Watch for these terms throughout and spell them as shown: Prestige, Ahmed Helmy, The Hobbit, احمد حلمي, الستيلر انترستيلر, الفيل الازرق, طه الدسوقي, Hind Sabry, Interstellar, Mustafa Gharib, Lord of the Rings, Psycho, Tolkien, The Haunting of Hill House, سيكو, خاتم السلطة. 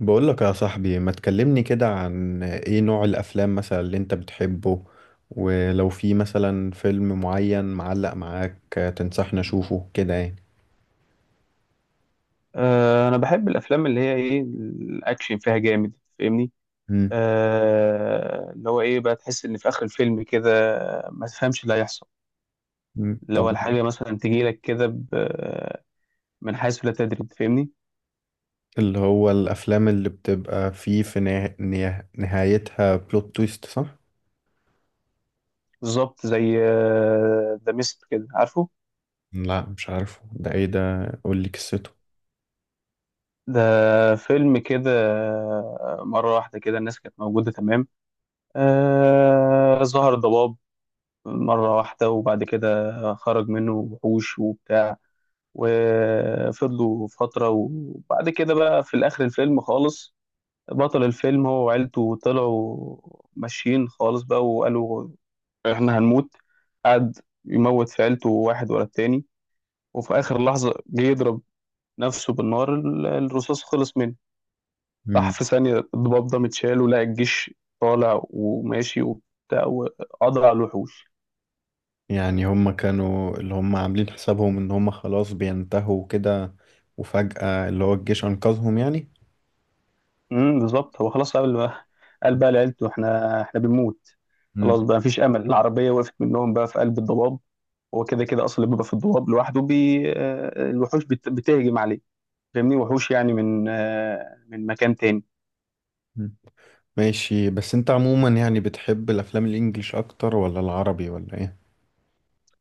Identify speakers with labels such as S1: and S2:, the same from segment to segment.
S1: بقولك يا صاحبي، ما تكلمني كده عن ايه نوع الافلام مثلا اللي انت بتحبه؟ ولو في مثلا فيلم معين معلق معاك، تنصحني اشوفه كده يعني.
S2: انا بحب الافلام اللي هي ايه الاكشن فيها جامد، فاهمني.
S1: مم.
S2: اللي هو ايه بقى تحس ان في اخر الفيلم كده ما تفهمش اللي هيحصل.
S1: مم.
S2: اللي
S1: طب.
S2: هو الحاجه مثلا تجي لك كده من حيث لا تدري، فاهمني.
S1: اللي هو الافلام اللي بتبقى فيه في نهايتها بلوت تويست، صح؟
S2: بالظبط زي ذا ميست كده، عارفه.
S1: لا مش عارفه ده، ايه ده؟ قولي قصته.
S2: ده فيلم كده. مره واحده كده الناس كانت موجوده تمام. ظهر ضباب مره واحده، وبعد كده خرج منه وحوش وبتاع. وفضلوا فترة، وبعد كده بقى في الآخر الفيلم خالص، بطل الفيلم هو وعيلته طلعوا ماشيين خالص بقى وقالوا إحنا هنموت. قعد يموت في عيلته واحد ورا التاني، وفي آخر لحظة جه يضرب نفسه بالنار، الرصاص خلص منه. راح
S1: مم.
S2: في ثانية الضباب ده متشال ولقى الجيش طالع وماشي وبتاع وقضى على الوحوش.
S1: يعني هما كانوا اللي هما عاملين حسابهم ان هما خلاص بينتهوا كده، وفجأة اللي هو الجيش انقذهم يعني.
S2: بالظبط، هو خلاص قال بقى، لعيلته احنا بنموت. خلاص
S1: مم.
S2: بقى مفيش امل، العربيه وقفت منهم بقى في قلب الضباب. هو كده كده اصلا اللي بيبقى في الضباب لوحده بي آه، الوحوش بتهجم عليه، فاهمني، وحوش يعني من مكان تاني.
S1: ماشي. بس انت عموما يعني بتحب الافلام الانجليش اكتر ولا العربي، ولا ايه؟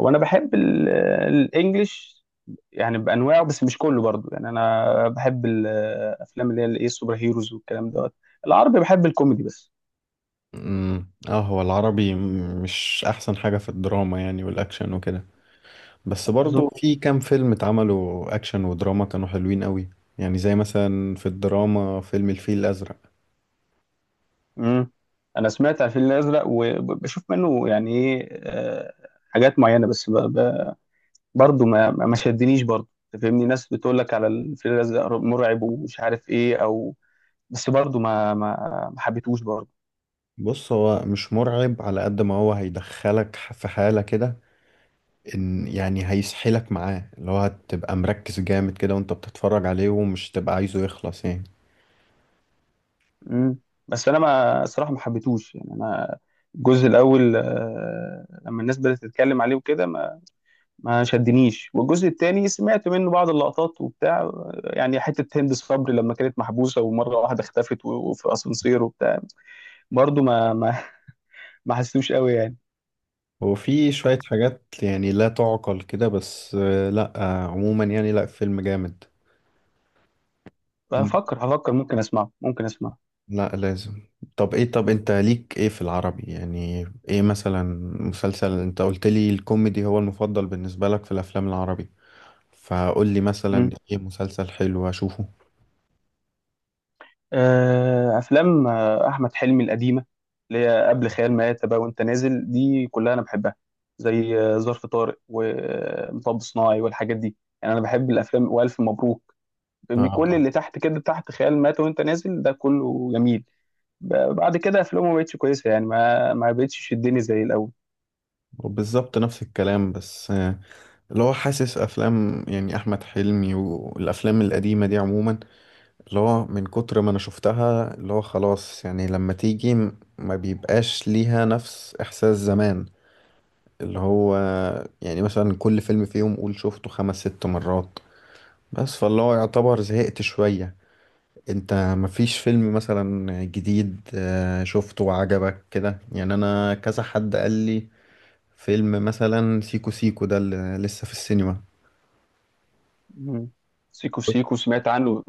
S2: هو انا بحب الانجليش يعني بانواعه، بس مش كله برضو، يعني انا بحب الافلام اللي هي الايه السوبر هيروز والكلام دوت. العربي بحب الكوميدي بس.
S1: اه، هو العربي مش احسن حاجة في الدراما يعني، والاكشن وكده. بس برضو
S2: بالظبط.
S1: في كام فيلم اتعملوا اكشن ودراما كانوا حلوين قوي. يعني زي مثلا في الدراما فيلم الفيل الازرق.
S2: امم انا سمعت عن الفيل الازرق وبشوف منه يعني ايه، حاجات معينه، بس برضه ما شدنيش برضه. أنت فاهمني، ناس بتقول لك على الفيل الازرق مرعب ومش عارف ايه او، بس برضه ما حبيتهوش برضه.
S1: بص، هو مش مرعب على قد ما هو هيدخلك في حالة كده، ان يعني هيسحلك معاه، اللي هو هتبقى مركز جامد كده وانت بتتفرج عليه ومش تبقى عايزه يخلص يعني.
S2: امم. بس انا ما الصراحه ما حبيتهوش يعني، انا الجزء الاول، لما الناس بدات تتكلم عليه وكده ما شدنيش، والجزء التاني سمعت منه بعض اللقطات وبتاع، يعني حتة هند صبري لما كانت محبوسة ومرة واحدة اختفت وفي أسانسير وبتاع، برضو ما حسيتوش قوي يعني.
S1: هو في شوية حاجات يعني لا تعقل كده، بس لا عموما يعني، لا فيلم جامد. أم-
S2: هفكر، ممكن أسمعه.
S1: لا لازم. طب ايه، طب انت ليك ايه في العربي يعني؟ ايه مثلا مسلسل؟ انت قلت لي الكوميدي هو المفضل بالنسبة لك في الافلام العربي، فقول لي مثلا
S2: مم.
S1: ايه مسلسل حلو اشوفه.
S2: أفلام أحمد حلمي القديمة، اللي هي قبل خيال مآتة بقى وأنت نازل، دي كلها أنا بحبها، زي ظرف طارق ومطب صناعي والحاجات دي، يعني أنا بحب الأفلام وألف مبروك، فاهمني،
S1: اه
S2: كل
S1: طبعا.
S2: اللي تحت كده تحت خيال مآتة وأنت نازل ده كله جميل. بعد كده افلامه ما بقتش كويسه، يعني ما ما بقتش تشدني زي الاول.
S1: وبالظبط نفس الكلام، بس اللي هو حاسس افلام يعني احمد حلمي والافلام القديمة دي عموما، اللي هو من كتر ما انا شفتها اللي هو خلاص يعني، لما تيجي ما بيبقاش ليها نفس احساس زمان. اللي هو يعني مثلا كل فيلم فيهم قول شفته خمس ست مرات، بس فاللي هو يعتبر زهقت شوية. انت مفيش فيلم مثلا جديد شفته وعجبك كده يعني؟ انا كذا حد قال لي فيلم مثلا سيكو سيكو ده اللي لسه في السينما.
S2: مم. سيكو في سيكو سمعت عنه،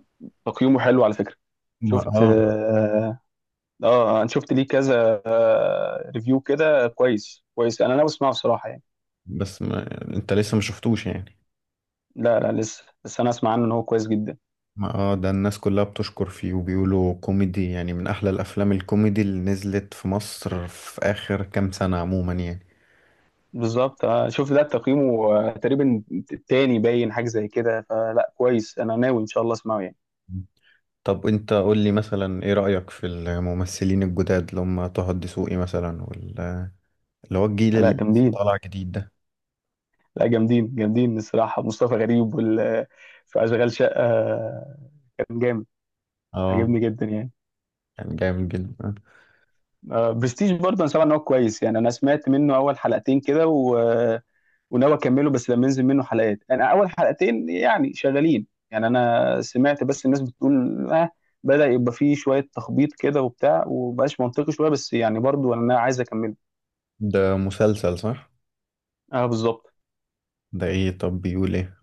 S2: تقييمه حلو على فكره.
S1: ما
S2: شفت
S1: اه.
S2: اه. انا شفت ليه كذا ريفيو كده كويس كويس، انا ناوي اسمعه بصراحه يعني.
S1: بس ما انت لسه ما شفتوش يعني.
S2: لا، لا، لسه، بس انا اسمع عنه ان هو كويس جدا.
S1: ما اه، ده الناس كلها بتشكر فيه وبيقولوا كوميدي، يعني من احلى الافلام الكوميدي اللي نزلت في مصر في اخر كام سنة عموما يعني.
S2: بالظبط. شفت ده تقييمه تقريبا تاني، باين حاجه زي كده، فلا كويس، انا ناوي ان شاء الله اسمعه يعني.
S1: طب انت قول لي مثلا ايه رأيك في الممثلين الجداد اللي هم طه الدسوقي مثلا، اللي هو الجيل
S2: لا
S1: اللي لسه
S2: جامدين،
S1: طالع جديد ده.
S2: لا جامدين الصراحه. مصطفى غريب وال آه، في اشغال شقه، كان جامد،
S1: اه
S2: عجبني جدا يعني.
S1: كان جامد جدا.
S2: برستيج برضه انا سامع ان هو كويس يعني، انا سمعت منه اول حلقتين كده، وناوي اكمله، بس لما ينزل منه حلقات، انا اول حلقتين يعني شغالين، يعني انا سمعت بس الناس بتقول بدأ يبقى فيه شوية تخبيط كده وبتاع ومبقاش منطقي شوية، بس يعني برضه انا عايز اكمله.
S1: ده مسلسل، صح؟
S2: اه بالظبط.
S1: ده ايه؟ طب بيقول ايه؟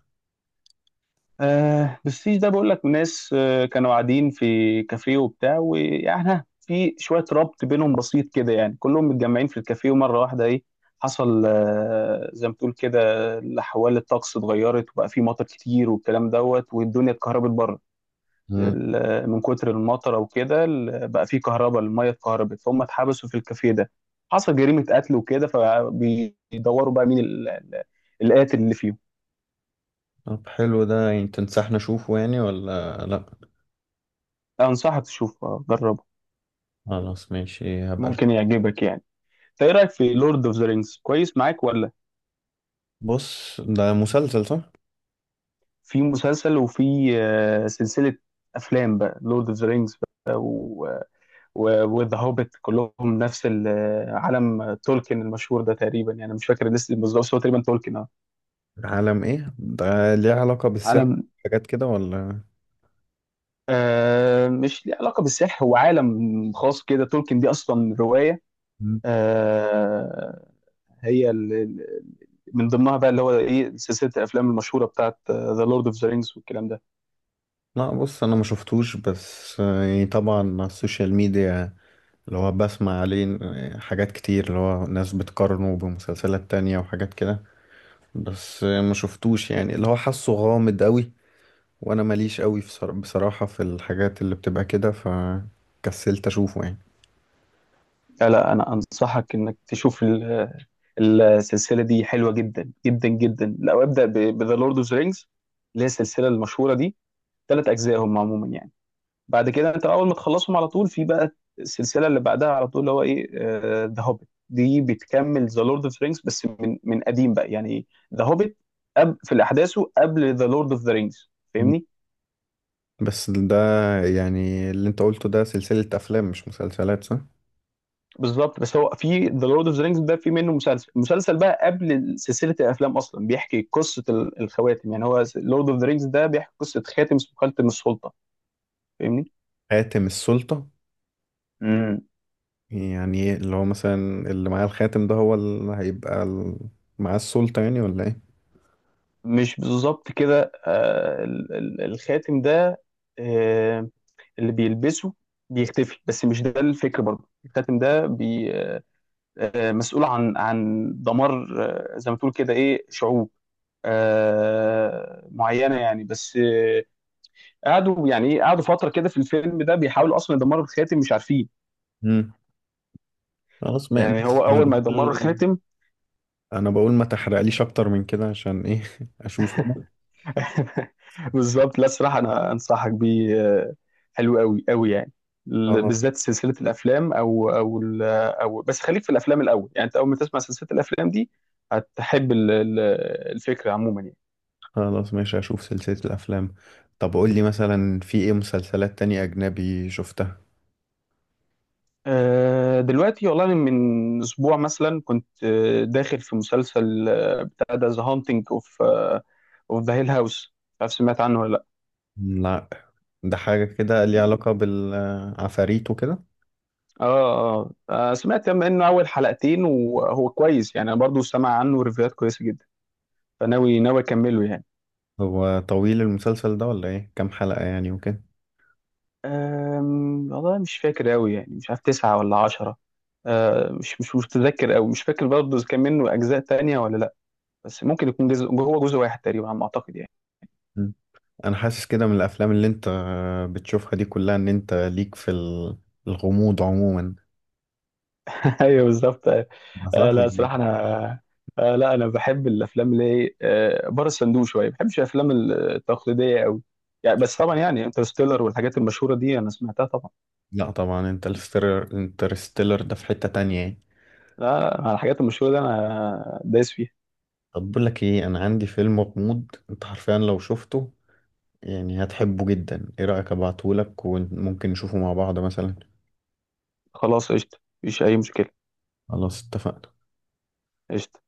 S2: بس ده بقول لك، ناس كانوا قاعدين في كافيه وبتاع، ويعني في شويه ربط بينهم بسيط كده، يعني كلهم متجمعين في الكافيه ومره واحده ايه حصل، زي ما تقول كده، الاحوال الطقس اتغيرت وبقى في مطر كتير والكلام دوت والدنيا اتكهربت بره.
S1: مم.
S2: من كتر المطر وكده بقى في كهرباء، الميه اتكهربت فهم اتحبسوا في الكافيه ده، حصل جريمه قتل وكده، فبيدوروا بقى مين القاتل اللي فيهم.
S1: طب حلو ده، يعني تنصحنا نشوفه يعني ولا لا؟
S2: انصحك تشوفه، جرب،
S1: خلاص ماشي، هبقى.
S2: ممكن يعجبك يعني. انت ايه رايك في لورد اوف ذا رينجز؟ كويس معاك ولا؟
S1: بص، ده مسلسل صح؟
S2: في مسلسل، وفي سلسله افلام بقى لورد اوف ذا رينجز بقى، وذا هوبيت، كلهم نفس عالم تولكن المشهور ده تقريبا، يعني مش فاكر لسه بالظبط بس هو تقريبا تولكن اه.
S1: عالم ايه ده؟ ليه علاقة بالسحر،
S2: عالم.
S1: حاجات كده ولا؟
S2: مش ليه علاقه بالسحر، هو عالم خاص كده، تولكن دي اصلا روايه.
S1: مم.
S2: آه هي من ضمنها بقى اللي هو ايه سلسله الافلام المشهوره بتاعت ذا لورد اوف ذا رينجز والكلام ده.
S1: لا، بص انا ما شفتوش، بس يعني طبعا على السوشيال ميديا اللي هو بسمع عليه حاجات كتير، اللي هو ناس بتقارنه بمسلسلات تانية وحاجات كده. بس ما شفتوش يعني، اللي هو حاسه غامض قوي، وانا ماليش قوي في بصراحة في الحاجات اللي بتبقى كده، فكسلت اشوفه يعني.
S2: لا، لا، انا انصحك انك تشوف السلسله دي، حلوه جدا جدا جدا، لو ابدا بذا لورد اوف ذا رينجز اللي هي السلسله المشهوره دي، 3 اجزاء هم عموما يعني. بعد كده انت اول ما تخلصهم على طول في بقى السلسله اللي بعدها على طول اللي هو ايه ذا هوبيت، دي بتكمل ذا لورد اوف ذا رينجز، بس من قديم بقى يعني. ذا هوبيت في احداثه قبل ذا لورد اوف ذا رينجز.
S1: مم. بس ده يعني اللي انت قلته ده سلسلة افلام مش مسلسلات، صح؟
S2: بالظبط، بس هو في ذا لورد اوف ذا رينجز ده في منه مسلسل، المسلسل بقى قبل سلسله الافلام اصلا بيحكي قصه الخواتم، يعني هو لورد اوف ذا رينجز ده بيحكي قصه خاتم اسمه خاتم السلطه، فاهمني.
S1: خاتم السلطة.
S2: امم
S1: يعني إيه، اللي هو مثلا اللي معاه الخاتم ده هو اللي هيبقى معاه السلطة يعني ولا ايه؟
S2: مش بالظبط كده، الخاتم ده، آه اللي بيلبسه بيختفي، بس مش ده الفكر برضه، الخاتم ده بي آه مسؤول عن دمار، زي ما تقول كده ايه شعوب معينه يعني. بس قعدوا يعني ايه قعدوا فتره كده في الفيلم ده بيحاولوا اصلا يدمروا الخاتم مش عارفين،
S1: امم خلاص. ما
S2: يعني
S1: بص،
S2: هو
S1: انا
S2: اول ما يدمروا
S1: بقول
S2: الخاتم.
S1: انا بقول ما تحرقليش اكتر من كده، عشان ايه اشوف أنا.
S2: بالظبط. لا الصراحه انا انصحك بيه، حلو قوي قوي يعني،
S1: خلاص،
S2: بالذات سلسله الافلام او بس خليك في الافلام الاول، يعني انت اول ما تسمع سلسله الافلام دي هتحب الفكره عموما يعني.
S1: خلاص ماشي اشوف سلسلة الافلام. طب قول لي مثلا، في ايه مسلسلات تانية اجنبي شفتها؟
S2: دلوقتي والله أنا من اسبوع مثلا كنت داخل في مسلسل بتاع ده، ذا هانتنج اوف ذا هيل هاوس، مش عارف سمعت عنه ولا؟
S1: لا، ده حاجة كده ليها علاقة بالعفاريت وكده؟
S2: اه، اه، سمعت منه اول حلقتين وهو كويس يعني، انا برضو سمع عنه ريفيوهات كويسه جدا، فناوي اكمله يعني.
S1: هو طويل المسلسل ده ولا ايه؟ كام حلقة يعني وكده؟
S2: والله مش فاكر أوي يعني، مش عارف 9 ولا 10. أه مش متذكر أوي، مش فاكر برضه إذا كان منه أجزاء تانية ولا لأ، بس ممكن يكون جزء، هو جزء واحد تقريبا على ما أعتقد يعني.
S1: انا حاسس كده من الافلام اللي انت بتشوفها دي كلها، ان انت ليك في الغموض عموما.
S2: أيوه بالظبط. أه
S1: ما صح
S2: آه، لا
S1: يعني؟
S2: صراحة أنا، لا أنا بحب الأفلام اللي هي بره الصندوق شوية، ما بحبش الأفلام التقليدية أوي يعني، بس طبعا يعني انترستيلر والحاجات المشهورة دي أنا سمعتها طبعا.
S1: لا طبعا، انت انترستيلر ده في حتة تانية يعني.
S2: لا، لا، على الحاجات المشهورة دي أنا دايس فيها.
S1: طب بقول لك ايه، انا عندي فيلم غموض انت حرفيا لو شفته يعني هتحبه جدا. ايه رأيك ابعتهولك وممكن نشوفه مع بعض مثلا؟
S2: خلاص قشطة، مفيش أي مشكلة.
S1: خلاص اتفقنا.
S2: قشطة.